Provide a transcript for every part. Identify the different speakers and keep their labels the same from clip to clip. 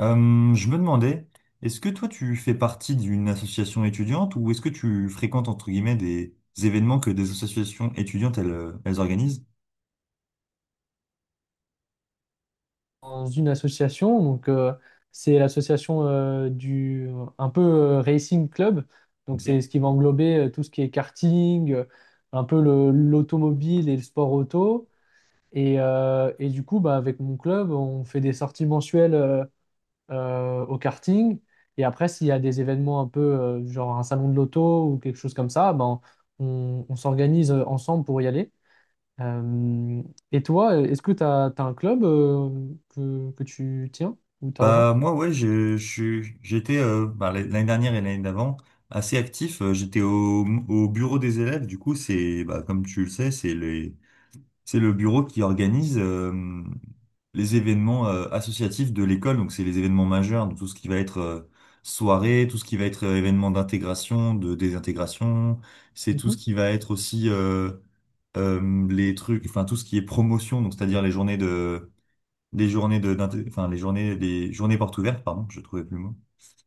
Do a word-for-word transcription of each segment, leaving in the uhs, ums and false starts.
Speaker 1: Euh, je me demandais, est-ce que toi tu fais partie d'une association étudiante ou est-ce que tu fréquentes entre guillemets des événements que des associations étudiantes elles, euh, elles organisent?
Speaker 2: Dans une association. Donc, euh, c'est l'association euh, du un peu euh, Racing Club. Donc, c'est ce
Speaker 1: Ok.
Speaker 2: qui va englober euh, tout ce qui est karting, euh, un peu le- l'automobile et le sport auto. Et, euh, et du coup, bah, avec mon club, on fait des sorties mensuelles euh, euh, au karting. Et après, s'il y a des événements un peu, euh, genre un salon de l'auto ou quelque chose comme ça, ben, on, on s'organise euh, ensemble pour y aller. Euh, et toi, est-ce que tu as, un club euh, que, que tu tiens ou t'as rejoint?
Speaker 1: Bah moi ouais, je, je suis- j'étais euh, bah, l'année dernière et l'année d'avant assez actif. Euh, J'étais au, au bureau des élèves. Du coup c'est bah, comme tu le sais, c'est les c'est le bureau qui organise euh, les événements euh, associatifs de l'école, donc c'est les événements majeurs, donc tout ce qui va être euh, soirée, tout ce qui va être euh, événement d'intégration, de désintégration, c'est tout
Speaker 2: Mhm,
Speaker 1: ce qui va être aussi euh, euh, les trucs, enfin tout ce qui est promotion, donc c'est-à-dire les journées de, les journées de, d'inté- enfin les journées, les journées portes ouvertes, pardon, je trouvais plus le mot.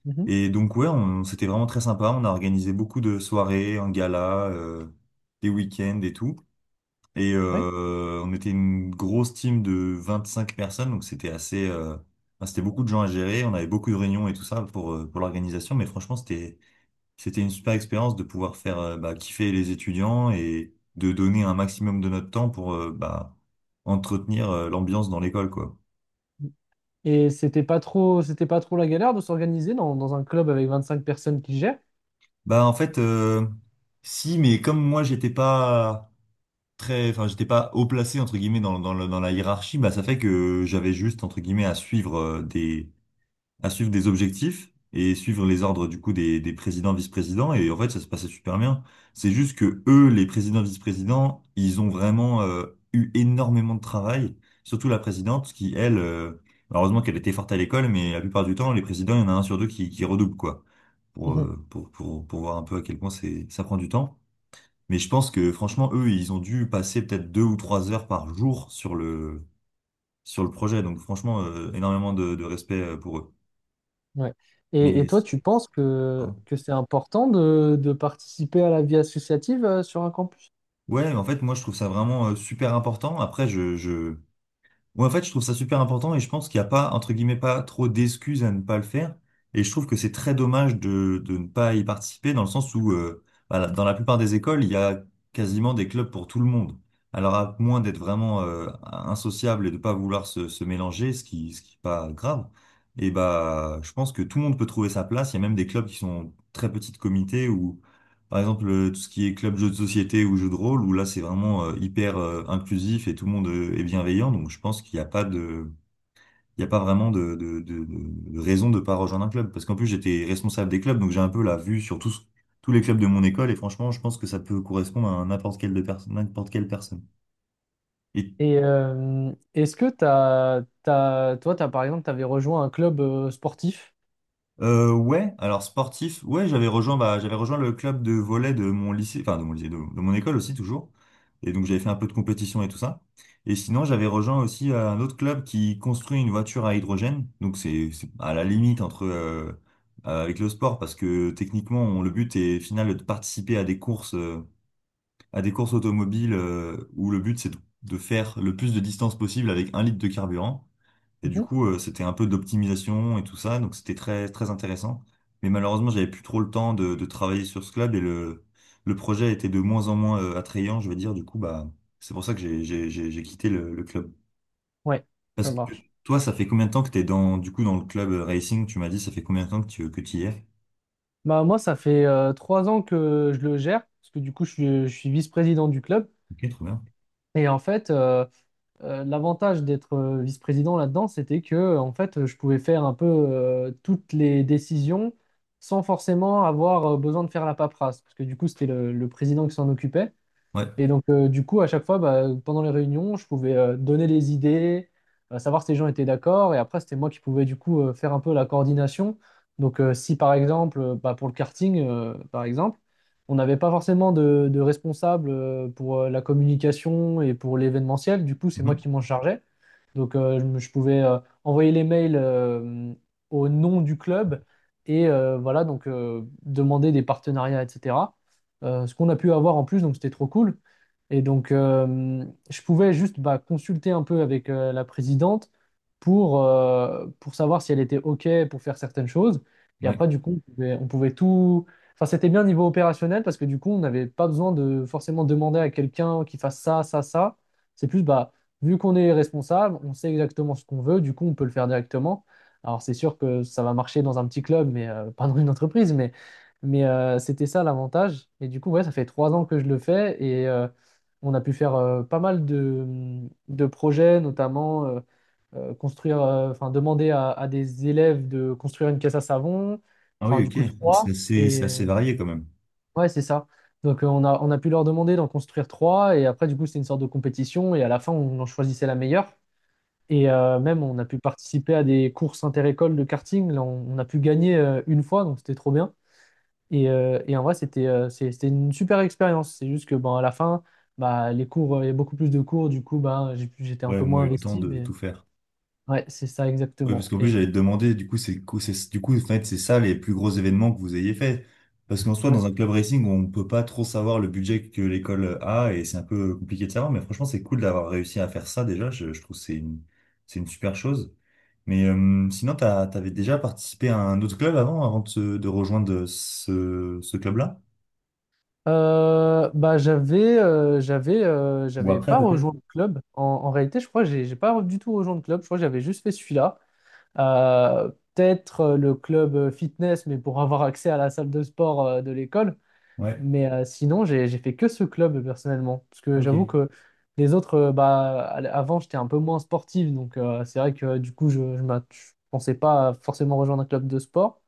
Speaker 2: mhm,
Speaker 1: Et donc ouais, on, c'était vraiment très sympa, on a organisé beaucoup de soirées, un gala, euh, des week-ends et tout. Et
Speaker 2: ouais.
Speaker 1: euh, on était une grosse team de vingt-cinq personnes, donc c'était assez, euh, enfin, c'était beaucoup de gens à gérer. On avait beaucoup de réunions et tout ça pour euh, pour l'organisation, mais franchement c'était c'était une super expérience de pouvoir faire euh, bah, kiffer les étudiants et de donner un maximum de notre temps pour euh, bah, entretenir euh, l'ambiance dans l'école quoi.
Speaker 2: Et c'était pas trop, c'était pas trop la galère de s'organiser dans, dans un club avec vingt-cinq personnes qui gèrent?
Speaker 1: Bah en fait, euh, si, mais comme moi j'étais pas très, enfin j'étais pas haut placé entre guillemets dans dans la, dans la hiérarchie, bah ça fait que j'avais juste entre guillemets à suivre euh, des à suivre des objectifs et suivre les ordres du coup des, des présidents, vice-présidents. Et en fait, ça se passait super bien. C'est juste que eux, les présidents, vice-présidents, ils ont vraiment euh, eu énormément de travail, surtout la présidente qui, elle, euh, malheureusement qu'elle était forte à l'école, mais la plupart du temps, les présidents, il y en a un sur deux qui, qui redouble, quoi, pour,
Speaker 2: Mhm,
Speaker 1: euh, pour, pour, pour voir un peu à quel point c'est, ça prend du temps. Mais je pense que franchement, eux, ils ont dû passer peut-être deux ou trois heures par jour sur le, sur le projet. Donc franchement, euh, énormément de, de respect euh, pour eux.
Speaker 2: ouais. Et, et toi,
Speaker 1: Mais,
Speaker 2: tu penses que, que c'est important de, de participer à la vie associative euh, sur un campus?
Speaker 1: Ouais, mais en fait, moi, je trouve ça vraiment euh, super important. Après, je, je... Ouais, en fait, je trouve ça super important et je pense qu'il n'y a pas, entre guillemets, pas trop d'excuses à ne pas le faire. Et je trouve que c'est très dommage de, de ne pas y participer dans le sens où, euh, voilà, dans la plupart des écoles, il y a quasiment des clubs pour tout le monde. Alors, à moins d'être vraiment euh, insociable et de pas vouloir se, se mélanger, ce qui, ce qui est pas grave, et bah, je pense que tout le monde peut trouver sa place. Il y a même des clubs qui sont très petits comités ou par exemple, euh, tout ce qui est club jeux de société ou jeux de rôle, où là c'est vraiment euh, hyper euh, inclusif et tout le monde euh, est bienveillant, donc je pense qu'il n'y a pas de, il y a pas vraiment de, de, de, de de raison de pas rejoindre un club. Parce qu'en plus j'étais responsable des clubs, donc j'ai un peu la vue sur tous, tous les clubs de mon école, et franchement je pense que ça peut correspondre à n'importe quelle de perso- n'importe quelle personne. Et
Speaker 2: Et euh, est-ce que t'as, t'as- toi, t'as, par exemple, tu avais rejoint un club euh, sportif?
Speaker 1: Euh, ouais, alors sportif, ouais, j'avais rejoint, bah, j'avais rejoint le club de volley de mon lycée, enfin de mon lycée, de, de mon école aussi toujours. Et donc j'avais fait un peu de compétition et tout ça. Et sinon, j'avais rejoint aussi euh, un autre club qui construit une voiture à hydrogène. Donc c'est c'est à la limite entre euh, euh, avec le sport parce que techniquement, on- le but est final de participer à des courses, euh, à des courses automobiles euh, où le but c'est de, de faire le plus de distance possible avec un litre de carburant. Et du
Speaker 2: Mhm,
Speaker 1: coup, euh, c'était un peu d'optimisation et tout ça, donc c'était très, très intéressant. Mais malheureusement, j'avais plus trop le temps de, de travailler sur ce club et le, le projet était de moins en moins euh, attrayant, je veux dire. Du coup, bah, c'est pour ça que j'ai, j'ai, j'ai j'ai quitté le, le club.
Speaker 2: ouais,
Speaker 1: Parce
Speaker 2: ça
Speaker 1: que
Speaker 2: marche.
Speaker 1: toi, ça fait combien de temps que t'es dans, du coup, dans le club euh, racing? Tu m'as dit, ça fait combien de temps que tu, que tu y es?
Speaker 2: Bah, moi, ça fait euh, trois ans que je le gère, parce que du coup, je suis, je suis vice-président du club.
Speaker 1: Ok, trop bien.
Speaker 2: Et en fait, euh, euh, l'avantage d'être euh, vice-président là-dedans, c'était que euh, en fait, je pouvais faire un peu euh, toutes les décisions sans forcément avoir euh, besoin de faire la paperasse, parce que du coup, c'était le, le président qui s'en occupait.
Speaker 1: Ouais.
Speaker 2: Et donc, euh, du coup, à chaque fois, bah, pendant les réunions, je pouvais euh, donner les idées, euh, savoir si les gens étaient d'accord. Et après, c'était moi qui pouvais, du coup, euh, faire un peu la coordination. Donc, euh, si par exemple, euh, bah, pour le karting, euh, par exemple, on n'avait pas forcément de, de responsable euh, pour euh, la communication et pour l'événementiel, du coup, c'est moi
Speaker 1: Mhm.
Speaker 2: qui m'en chargeais. Donc, euh, je, me- je pouvais euh, envoyer les mails euh, au nom du club et euh, voilà, donc euh, demander des partenariats, et cetera. Euh, ce qu'on a pu avoir en plus, donc c'était trop cool, et donc, euh, je pouvais juste bah, consulter un peu avec euh, la présidente pour, euh, pour savoir si elle était OK pour faire certaines choses. Et
Speaker 1: Ouais.
Speaker 2: après, du coup, on pouvait, on pouvait tout. Enfin, c'était bien au niveau opérationnel parce que du coup, on n'avait pas besoin de forcément demander à quelqu'un qui fasse ça, ça, ça. C'est plus, bah, vu qu'on est responsable, on sait exactement ce qu'on veut, du coup, on peut le faire directement. Alors, c'est sûr que ça va marcher dans un petit club, mais euh, pas dans une entreprise, mais, mais euh, c'était ça l'avantage. Et du coup, ouais, ça fait trois ans que je le fais et euh, on a pu faire euh, pas mal de, de projets, notamment euh, euh, construire, euh, enfin demander à, à des élèves de construire une caisse à savon,
Speaker 1: Ah
Speaker 2: enfin
Speaker 1: oui,
Speaker 2: du
Speaker 1: ok.
Speaker 2: coup
Speaker 1: Donc c'est
Speaker 2: trois.
Speaker 1: assez,
Speaker 2: Et
Speaker 1: c'est assez
Speaker 2: euh,
Speaker 1: varié quand même.
Speaker 2: ouais, c'est ça. Donc euh, on a, on a pu leur demander d'en construire trois. Et après, du coup, c'était une sorte de compétition. Et à la fin, on en choisissait la meilleure. Et euh, même, on a pu participer à des courses inter-écoles de karting. Là, on, on a pu gagner euh, une fois, donc c'était trop bien. Et, euh, et en vrai, c'était euh, c'est- c'était une super expérience. C'est juste que bon, à la fin, bah, les cours, euh, il y a beaucoup plus de cours. Du coup, bah, j'ai pu- j'étais un
Speaker 1: Ouais, au
Speaker 2: peu
Speaker 1: moins
Speaker 2: moins
Speaker 1: eu le temps
Speaker 2: investi.
Speaker 1: de
Speaker 2: Mais
Speaker 1: tout faire.
Speaker 2: ouais, c'est ça
Speaker 1: Oui, parce
Speaker 2: exactement.
Speaker 1: qu'en plus,
Speaker 2: Et,
Speaker 1: j'allais te demander, du coup, c'est, co- c'est- du coup, en fait, c'est ça les plus gros événements que vous ayez fait. Parce qu'en soi,
Speaker 2: ouais.
Speaker 1: dans un club racing, on ne peut pas trop savoir le budget que l'école a et c'est un peu compliqué de savoir. Mais franchement, c'est cool d'avoir réussi à faire ça déjà. Je, je trouve que c'est une, c'est une super chose. Mais euh, sinon, t'as, t'avais déjà participé à un autre club avant, avant de, se- de rejoindre ce, ce club-là?
Speaker 2: Euh, bah, j'avais euh, j'avais euh,
Speaker 1: Ou
Speaker 2: j'avais
Speaker 1: après,
Speaker 2: pas
Speaker 1: peut-être?
Speaker 2: rejoint le club. En, en réalité, je crois que j'ai j'ai pas du tout rejoint le club. Je crois que j'avais juste fait celui-là. Euh, peut-être euh, le club euh, fitness, mais pour avoir accès à la salle de sport euh, de l'école.
Speaker 1: Ouais.
Speaker 2: Mais euh, sinon, j'ai j'ai fait que ce club euh, personnellement. Parce que
Speaker 1: Ok.
Speaker 2: j'avoue que les autres, euh, bah, à l- avant, j'étais un peu moins sportif. Donc, euh, c'est vrai que euh, du coup, je ne pensais pas forcément rejoindre un club de sport.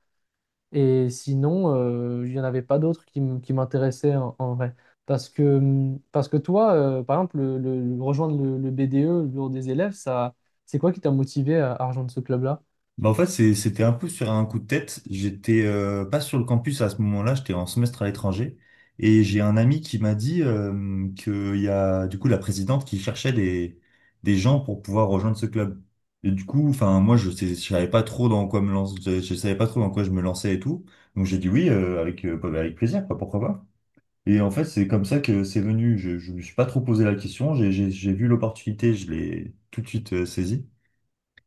Speaker 2: Et sinon, euh, il n'y en avait pas d'autres qui, m- qui m'intéressaient en, en vrai. Parce que, hum, parce que toi, euh, par exemple, le, le- le- rejoindre le, le B D E, le bureau des élèves, ça, c'est quoi qui t'a motivé à, à rejoindre ce club-là?
Speaker 1: Bah en fait, c'est- c'était un peu sur un coup de tête. J'étais euh, pas sur le campus à ce moment-là, j'étais en semestre à l'étranger. Et j'ai un ami qui m'a dit euh, qu'il y a du coup la présidente qui cherchait des, des gens pour pouvoir rejoindre ce club. Et du coup, enfin moi je sais, je savais pas trop dans quoi me lancer, je, je savais pas trop dans quoi je me lançais et tout. Donc j'ai dit oui euh, avec euh, bah, avec plaisir, quoi, pourquoi pas. Et en fait, c'est comme ça que c'est venu. Je, je me suis pas trop posé la question. J'ai j'ai- j'ai vu l'opportunité, je l'ai tout de suite euh, saisie.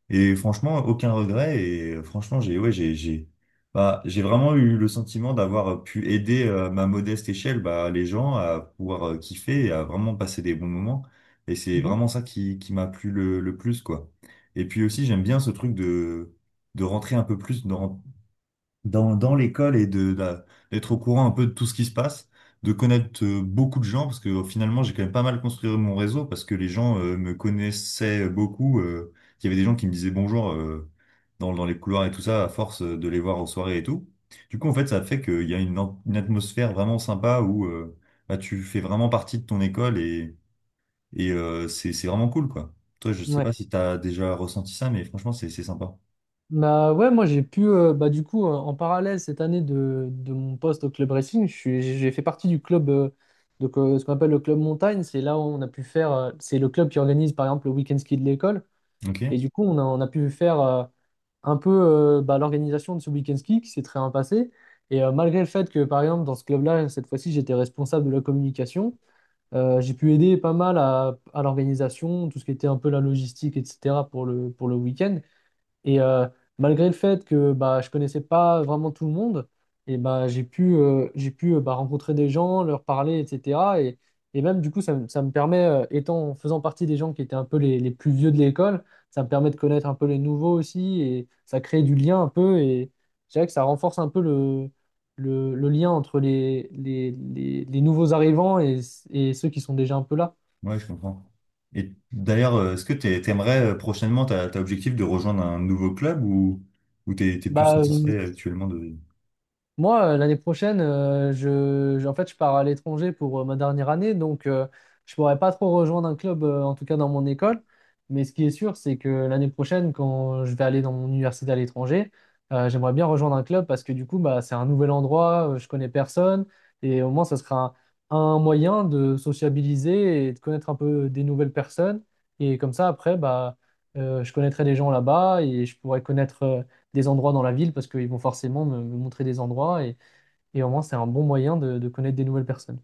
Speaker 1: Et franchement, aucun regret. Et euh, franchement, j'ai ouais, j'ai j'ai bah, j'ai vraiment eu le sentiment d'avoir euh, pu aider euh, à ma modeste échelle bah, les gens à pouvoir euh, kiffer et à vraiment passer des bons moments. Et c'est vraiment ça qui, qui m'a plu le, le plus, quoi. Et puis aussi, j'aime bien ce truc de, de rentrer un peu plus dans, dans, dans l'école et de, de- d'être au courant un peu de tout ce qui se passe, de connaître euh, beaucoup de gens, parce que euh, finalement, j'ai quand même pas mal construit mon réseau, parce que les gens euh, me connaissaient beaucoup. Euh, il y avait des gens qui me disaient bonjour euh, dans, dans les couloirs et tout ça, à force euh, de les voir aux soirées et tout. Du coup, en fait, ça fait qu'il y a une, an- une atmosphère vraiment sympa où euh, bah, tu fais vraiment partie de ton école et, et euh, c'est, c'est vraiment cool, quoi. Toi, je sais
Speaker 2: Mhm.
Speaker 1: pas si t'as déjà ressenti ça, mais franchement, c'est, c'est sympa.
Speaker 2: Bah ouais, moi j'ai pu, euh, bah du coup, euh, en parallèle cette année de, de mon poste au club racing, je suis, j'ai fait partie du club, euh, donc, euh, ce qu'on appelle le club montagne. C'est là où on a pu faire, euh, c'est le club qui organise par exemple le week-end ski de l'école.
Speaker 1: Ok?
Speaker 2: Et du coup, on a, on a pu faire euh, un peu euh, bah, l'organisation de ce week-end ski qui s'est très bien passé. Et euh, malgré le fait que, par exemple, dans ce club-là, cette fois-ci, j'étais responsable de la communication, euh, j'ai pu aider pas mal à, à l'organisation, tout ce qui était un peu la logistique, et cetera pour le, pour le week-end. Et euh, malgré le fait que bah, je connaissais pas vraiment tout le monde, et bah, j'ai pu, euh, j'ai pu euh, bah, rencontrer des gens, leur parler, et cetera. Et, et même du coup, ça, me ça me permet, euh, étant, faisant partie des gens qui étaient un peu les, les plus vieux de l'école, ça me permet de connaître un peu les nouveaux aussi, et ça crée du lien un peu, et je dirais que ça renforce un peu le, le, le lien entre les, les, les, les nouveaux arrivants et, et ceux qui sont déjà un peu là.
Speaker 1: Ouais, je comprends. Et d'ailleurs, euh, est-ce que t'es- t'aimerais euh, prochainement, t'as t'as objectif de rejoindre un nouveau club ou, ou t'es, t'es plus
Speaker 2: Bah, euh,
Speaker 1: satisfait actuellement de,
Speaker 2: Moi, euh, l'année prochaine, euh, je, je- en fait, je pars à l'étranger pour euh, ma dernière année, donc euh, je pourrais pas trop rejoindre un club, euh, en tout cas dans mon école. Mais ce qui est sûr, c'est que l'année prochaine, quand je vais aller dans mon université à l'étranger, euh, j'aimerais bien rejoindre un club parce que du coup, bah, c'est un nouvel endroit, euh, je connais personne, et au moins, ça sera un, un moyen de sociabiliser et de connaître un peu des nouvelles personnes. Et comme ça, après, bah, euh, je connaîtrai des gens là-bas et je pourrais connaître euh, des endroits dans la ville parce qu'ils vont forcément me, me montrer des endroits et, et au moins c'est un bon moyen de, de connaître des nouvelles personnes.